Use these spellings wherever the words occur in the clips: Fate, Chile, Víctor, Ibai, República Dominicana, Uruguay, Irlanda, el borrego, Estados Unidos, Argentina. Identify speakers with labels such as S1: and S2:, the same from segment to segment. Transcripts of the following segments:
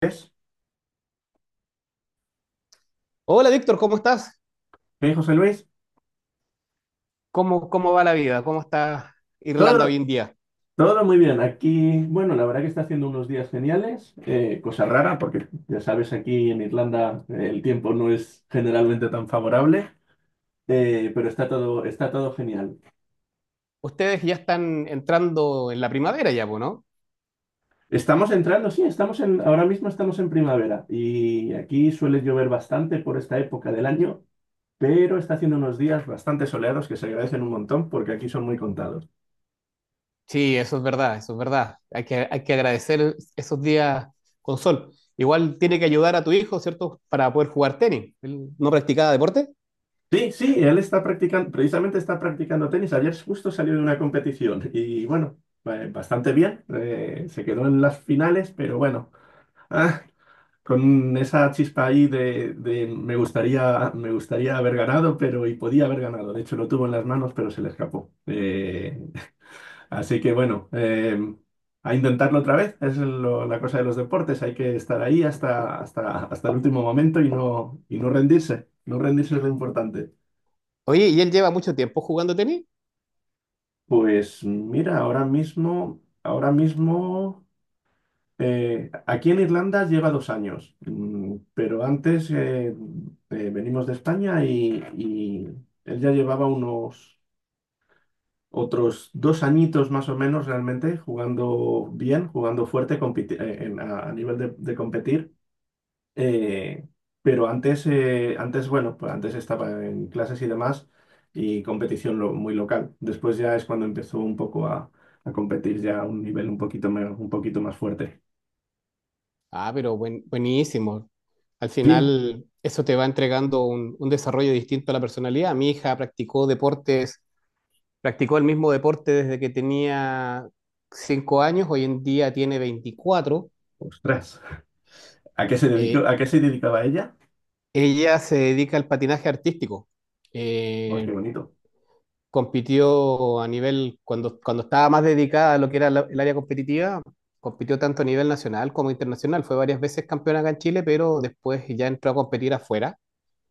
S1: Pues,
S2: Hola Víctor, ¿cómo estás?
S1: José Luis,
S2: ¿Cómo va la vida? ¿Cómo está Irlanda hoy
S1: todo,
S2: en día?
S1: todo muy bien. Aquí, bueno, la verdad que está haciendo unos días geniales, cosa rara, porque ya sabes, aquí en Irlanda el tiempo no es generalmente tan favorable, pero está todo genial.
S2: Ustedes ya están entrando en la primavera ya, po, ¿no?
S1: Estamos entrando, sí, ahora mismo estamos en primavera y aquí suele llover bastante por esta época del año, pero está haciendo unos días bastante soleados que se agradecen un montón porque aquí son muy contados.
S2: Sí, eso es verdad, eso es verdad. Hay que agradecer esos días con sol. Igual tiene que ayudar a tu hijo, ¿cierto? Para poder jugar tenis. Él no practicaba deporte.
S1: Sí, sí, él está practicando, precisamente está practicando tenis. Ayer justo salió de una competición y bueno, bastante bien. Se quedó en las finales, pero bueno, ah, con esa chispa ahí de me gustaría haber ganado, pero y podía haber ganado. De hecho, lo tuvo en las manos, pero se le escapó. Así que bueno, a intentarlo otra vez. La cosa de los deportes. Hay que estar ahí hasta el último momento y y no rendirse. No rendirse es lo importante.
S2: Oye, ¿y él lleva mucho tiempo jugando tenis?
S1: Pues mira, ahora mismo, aquí en Irlanda lleva 2 años, pero antes venimos de España y él ya llevaba unos otros 2 añitos más o menos realmente jugando bien, jugando fuerte a nivel de competir. Eh, pero antes, bueno, pues antes estaba en clases y demás y competición muy local. Después ya es cuando empezó un poco a competir ya a un nivel un poquito más fuerte.
S2: Ah, pero buenísimo. Al
S1: Sí,
S2: final, eso te va entregando un desarrollo distinto a la personalidad. Mi hija practicó deportes. Practicó el mismo deporte desde que tenía 5 años, hoy en día tiene 24.
S1: ostras. ¿A qué se dedicó,
S2: Eh,
S1: a qué se dedicaba ella?
S2: Ella se dedica al patinaje artístico.
S1: ¡Ay, qué
S2: Eh,
S1: bonito!
S2: Compitió a nivel, cuando estaba más dedicada a lo que era el área competitiva, compitió tanto a nivel nacional como internacional. Fue varias veces campeona acá en Chile, pero después ya entró a competir afuera.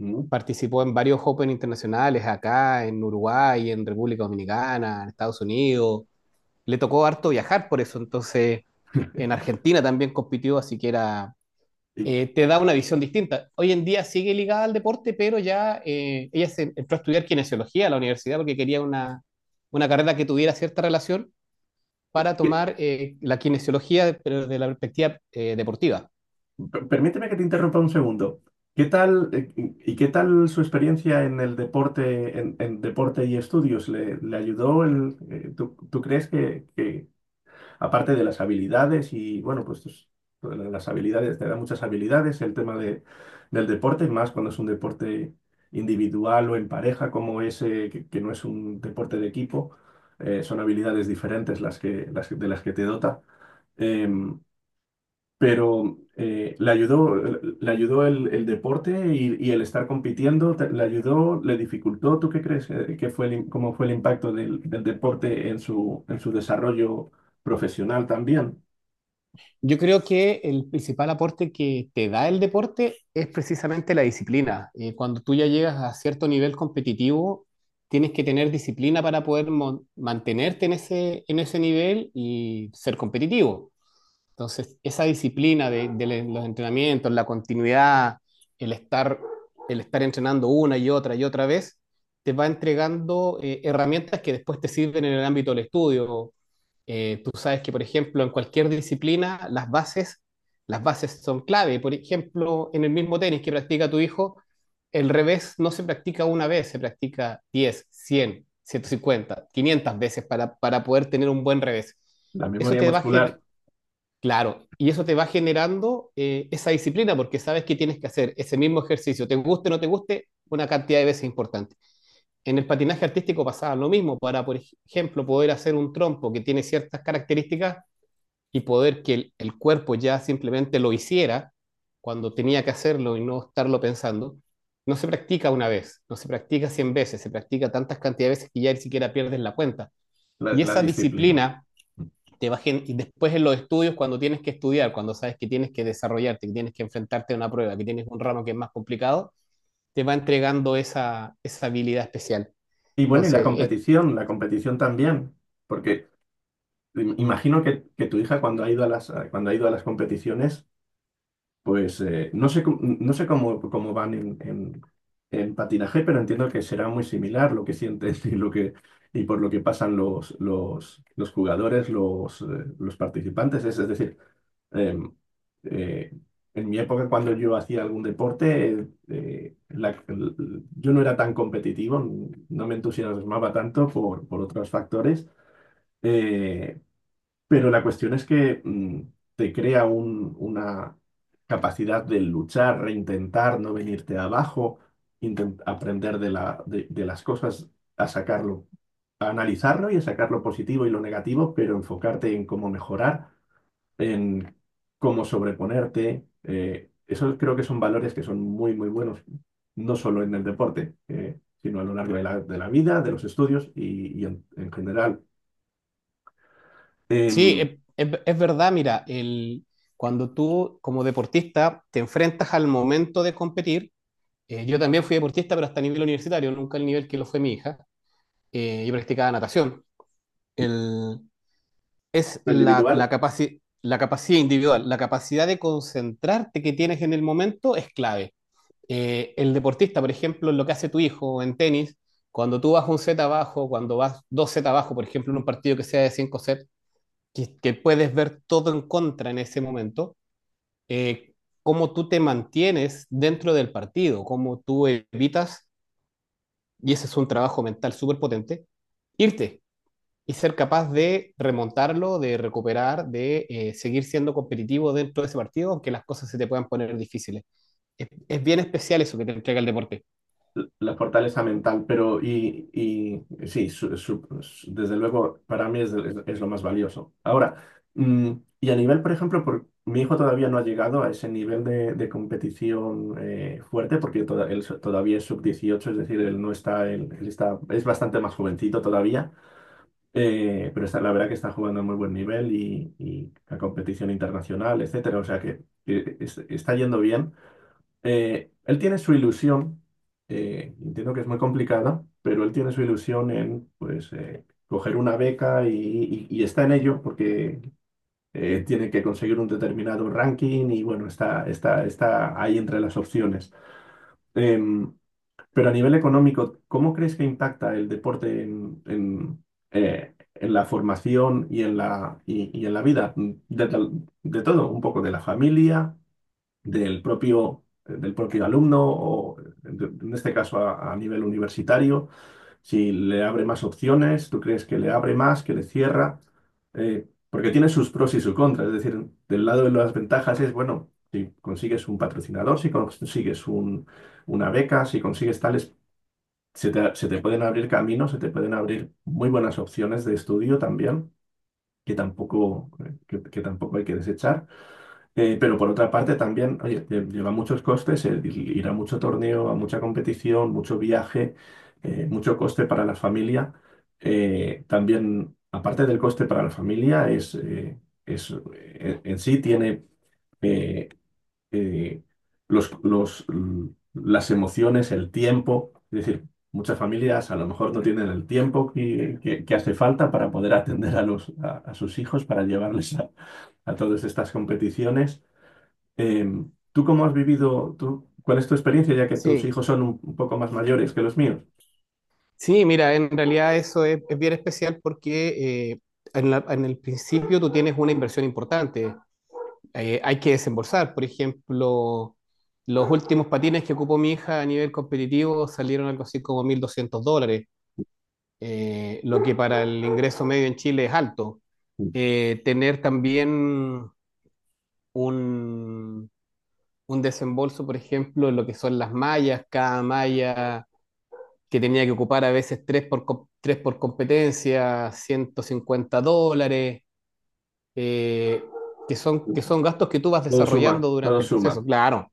S1: Mm.
S2: Participó en varios Open internacionales acá, en Uruguay, en República Dominicana, en Estados Unidos. Le tocó harto viajar por eso, entonces en Argentina también compitió, así que
S1: ¿Y
S2: te da una visión distinta. Hoy en día sigue ligada al deporte, pero ya, ella se entró a estudiar kinesiología a la universidad porque quería una carrera que tuviera cierta relación para
S1: qué-
S2: tomar la kinesiología, pero de la perspectiva deportiva.
S1: Permíteme que te interrumpa un segundo. ¿Qué tal, y qué tal su experiencia en el deporte, en deporte y estudios? ¿Le ayudó tú crees aparte de las habilidades y bueno, las habilidades, te da muchas habilidades, el tema de, del deporte, más cuando es un deporte individual o en pareja como ese, que no es un deporte de equipo, son habilidades diferentes de las que te dota. Em, pero le ayudó el deporte y el estar compitiendo, le ayudó, le dificultó. ¿Tú qué crees que fue el im- cómo fue el impacto del deporte en en su desarrollo profesional también?
S2: Yo creo que el principal aporte que te da el deporte es precisamente la disciplina. Cuando tú ya llegas a cierto nivel competitivo, tienes que tener disciplina para poder mantenerte en ese nivel y ser competitivo. Entonces, esa disciplina de los entrenamientos, la continuidad, el estar, el estar entrenando una y otra vez, te va entregando herramientas que después te sirven en el ámbito del estudio. Tú sabes que, por ejemplo, en cualquier disciplina, las bases son clave. Por ejemplo, en el mismo tenis que practica tu hijo, el revés no se practica una vez, se practica 10 100 150 500 veces para poder tener un buen revés.
S1: La
S2: Eso
S1: memoria
S2: te va,
S1: muscular,
S2: Claro, y eso te va generando esa disciplina porque sabes que tienes que hacer ese mismo ejercicio, te guste o no te guste, una cantidad de veces importante. En el patinaje artístico pasaba lo mismo, para, ejemplo, poder hacer un trompo que tiene ciertas características y poder que el cuerpo ya simplemente lo hiciera cuando tenía que hacerlo y no estarlo pensando, no se practica una vez, no se practica 100 veces, se practica tantas cantidades de veces que ya ni siquiera pierdes la cuenta. Y
S1: la
S2: esa
S1: disciplina.
S2: disciplina y después en los estudios, cuando tienes que estudiar, cuando sabes que tienes que desarrollarte, que tienes que enfrentarte a una prueba, que tienes un ramo que es más complicado, te va entregando esa, esa habilidad especial.
S1: Y bueno, y
S2: Entonces, es-
S1: la competición también, porque imagino que tu hija cuando ha ido a las, cuando ha ido a las competiciones, pues no sé, no sé cómo, cómo van en patinaje, pero entiendo que será muy similar lo que sienten y por lo que pasan los jugadores, los participantes. Es decir, Eh, eh, en mi época, cuando yo hacía algún deporte, yo no era tan competitivo, no me entusiasmaba tanto por otros factores, eh, pero la cuestión es que te crea una capacidad de luchar, reintentar, no venirte abajo, aprender de la- de las cosas, a sacarlo, a analizarlo y a sacar lo positivo y lo negativo, pero enfocarte en cómo mejorar en cómo sobreponerte. Esos creo que son valores que son muy, muy buenos, no solo en el deporte, sino a lo largo de de la vida, de los estudios en general.
S2: sí,
S1: Em,
S2: es verdad, mira, cuando tú como deportista te enfrentas al momento de competir, yo también fui deportista, pero hasta a nivel universitario, nunca al nivel que lo fue mi hija, yo practicaba natación. El, es
S1: lo
S2: la, la,
S1: individual.
S2: capaci- la capacidad individual, la capacidad de concentrarte que tienes en el momento es clave. El deportista, por ejemplo, lo que hace tu hijo en tenis, cuando tú vas un set abajo, cuando vas dos set abajo, por ejemplo, en un partido que sea de cinco sets, que puedes ver todo en contra en ese momento, eh, cómo tú te mantienes dentro del partido, cómo tú evitas, y ese es un trabajo mental súper potente, irte y ser capaz de remontarlo, de recuperar, de seguir siendo competitivo dentro de ese partido, aunque las cosas se te puedan poner difíciles. Es bien especial eso que te entrega el deporte.
S1: La fortaleza mental, pero y sí, desde luego para mí es lo más valioso. Ahora, mm, y a nivel, por ejemplo, mi hijo todavía no ha llegado a ese nivel de competición fuerte porque todavía es sub 18, es decir, él no está, él está, es bastante más jovencito todavía, pero está, la verdad que está jugando a muy buen nivel y a competición internacional, etcétera, o sea que está yendo bien. Él tiene su ilusión, entiendo que es muy complicada, pero él tiene su ilusión en, pues, coger una beca y está en ello porque tiene que conseguir un determinado ranking y, bueno, está ahí entre las opciones. Em, pero a nivel económico, ¿cómo crees que impacta el deporte en la formación y en y en la vida de, de todo? Un poco de la familia del propio alumno o en este caso a nivel universitario, si le abre más opciones, tú crees que le abre más, que le cierra. Porque tiene sus pros y sus contras, es decir, del lado de las ventajas es, bueno, si consigues un patrocinador, si consigues un- una beca, si consigues tales, se te pueden abrir caminos, se te pueden abrir muy buenas opciones de estudio también. Que tampoco, que tampoco hay que desechar. Pero por otra parte también, oye, lleva muchos costes el ir a mucho torneo, a mucha competición, mucho viaje, mucho coste para la familia. También, aparte del coste para la familia, en sí tiene eh, eh, los, los, l- las emociones, el tiempo. Es decir, muchas familias a lo mejor no tienen el tiempo que hace falta para poder atender a sus hijos, para llevarles a todas estas competiciones. ¿Tú cómo has vivido, tú, cuál es tu experiencia, ya que tus
S2: Sí,
S1: hijos son un poco más mayores que los míos?
S2: sí, mira, en realidad eso es bien especial porque en el principio tú tienes una inversión importante. Hay que desembolsar, por ejemplo, los últimos patines que ocupó mi hija a nivel competitivo salieron algo así como $1.200, lo que para el ingreso medio en Chile es alto.
S1: Sí.
S2: Tener también un, un desembolso, por ejemplo, en lo que son las mallas, cada malla que tenía que ocupar a veces tres por competencia, $150, eh,
S1: Pues,
S2: que son gastos que tú vas
S1: todo suma,
S2: desarrollando
S1: todo
S2: durante el proceso.
S1: suma.
S2: Claro,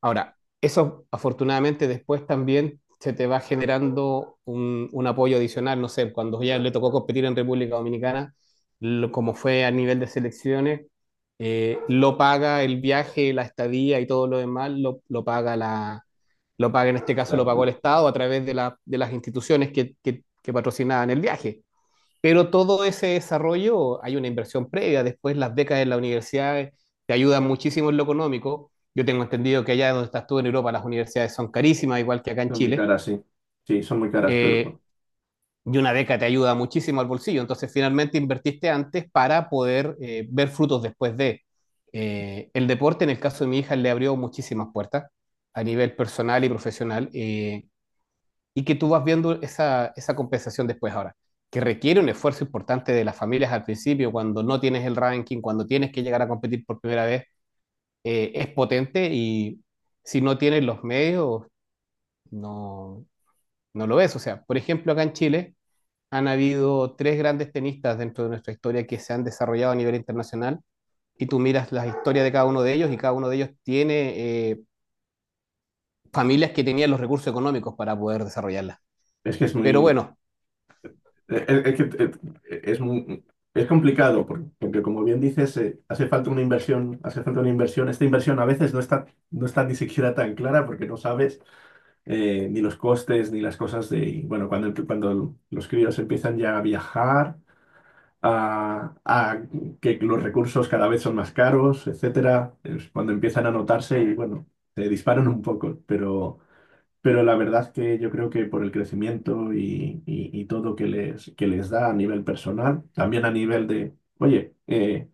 S2: ahora, eso afortunadamente después también se te va generando un apoyo adicional, no sé, cuando ya le tocó competir en República Dominicana, como fue a nivel de selecciones, lo paga el viaje, la estadía y todo lo demás, lo paga la, lo paga en este caso
S1: La-
S2: lo pagó el Estado a través de las instituciones que patrocinaban el viaje. Pero todo ese desarrollo hay una inversión previa. Después las becas en la universidad te ayudan muchísimo en lo económico. Yo tengo entendido que allá donde estás tú en Europa las universidades son carísimas, igual que acá en
S1: Son muy
S2: Chile.
S1: caras, sí. Sí, son muy caras, pero
S2: Eh,
S1: bueno,
S2: y una beca te ayuda muchísimo al bolsillo. Entonces finalmente invertiste antes para poder ver frutos después de... El deporte, en el caso de mi hija, le abrió muchísimas puertas a nivel personal y profesional. Y que tú vas viendo esa, esa compensación después ahora, que requiere un esfuerzo importante de las familias al principio, cuando no tienes el ranking, cuando tienes que llegar a competir por primera vez, es potente y si no tienes los medios, no, no lo ves. O sea, por ejemplo, acá en Chile han habido tres grandes tenistas dentro de nuestra historia que se han desarrollado a nivel internacional y tú miras las historias de cada uno de ellos y cada uno de ellos tiene familias que tenían los recursos económicos para poder desarrollarlas.
S1: es que es
S2: Pero
S1: muy,
S2: bueno,
S1: es, que, es muy, es complicado, porque, como bien dices, hace falta una inversión, hace falta una inversión. Esta inversión a veces no está, no está ni siquiera tan clara porque no sabes ni los costes, ni las cosas de, y bueno, cuando los críos empiezan ya a viajar a que los recursos cada vez son más caros, etcétera, es cuando empiezan a notarse y bueno, se disparan un poco, pero la verdad que yo creo que por el crecimiento y todo que les da a nivel personal, también a nivel de, oye,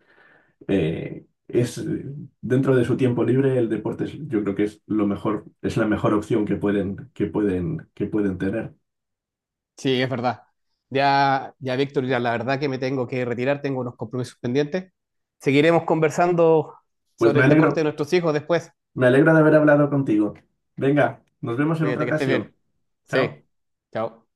S1: es dentro de su tiempo libre el deporte yo creo que es lo mejor, es la mejor opción que que pueden tener.
S2: sí, es verdad. Ya, ya, Víctor, ya la verdad que me tengo que retirar, tengo unos compromisos pendientes. Seguiremos conversando
S1: Pues
S2: sobre el deporte de nuestros hijos después.
S1: me alegro de haber hablado contigo. Venga, nos vemos en otra
S2: Cuídate que estés
S1: ocasión.
S2: bien.
S1: Chao.
S2: Sí, chao.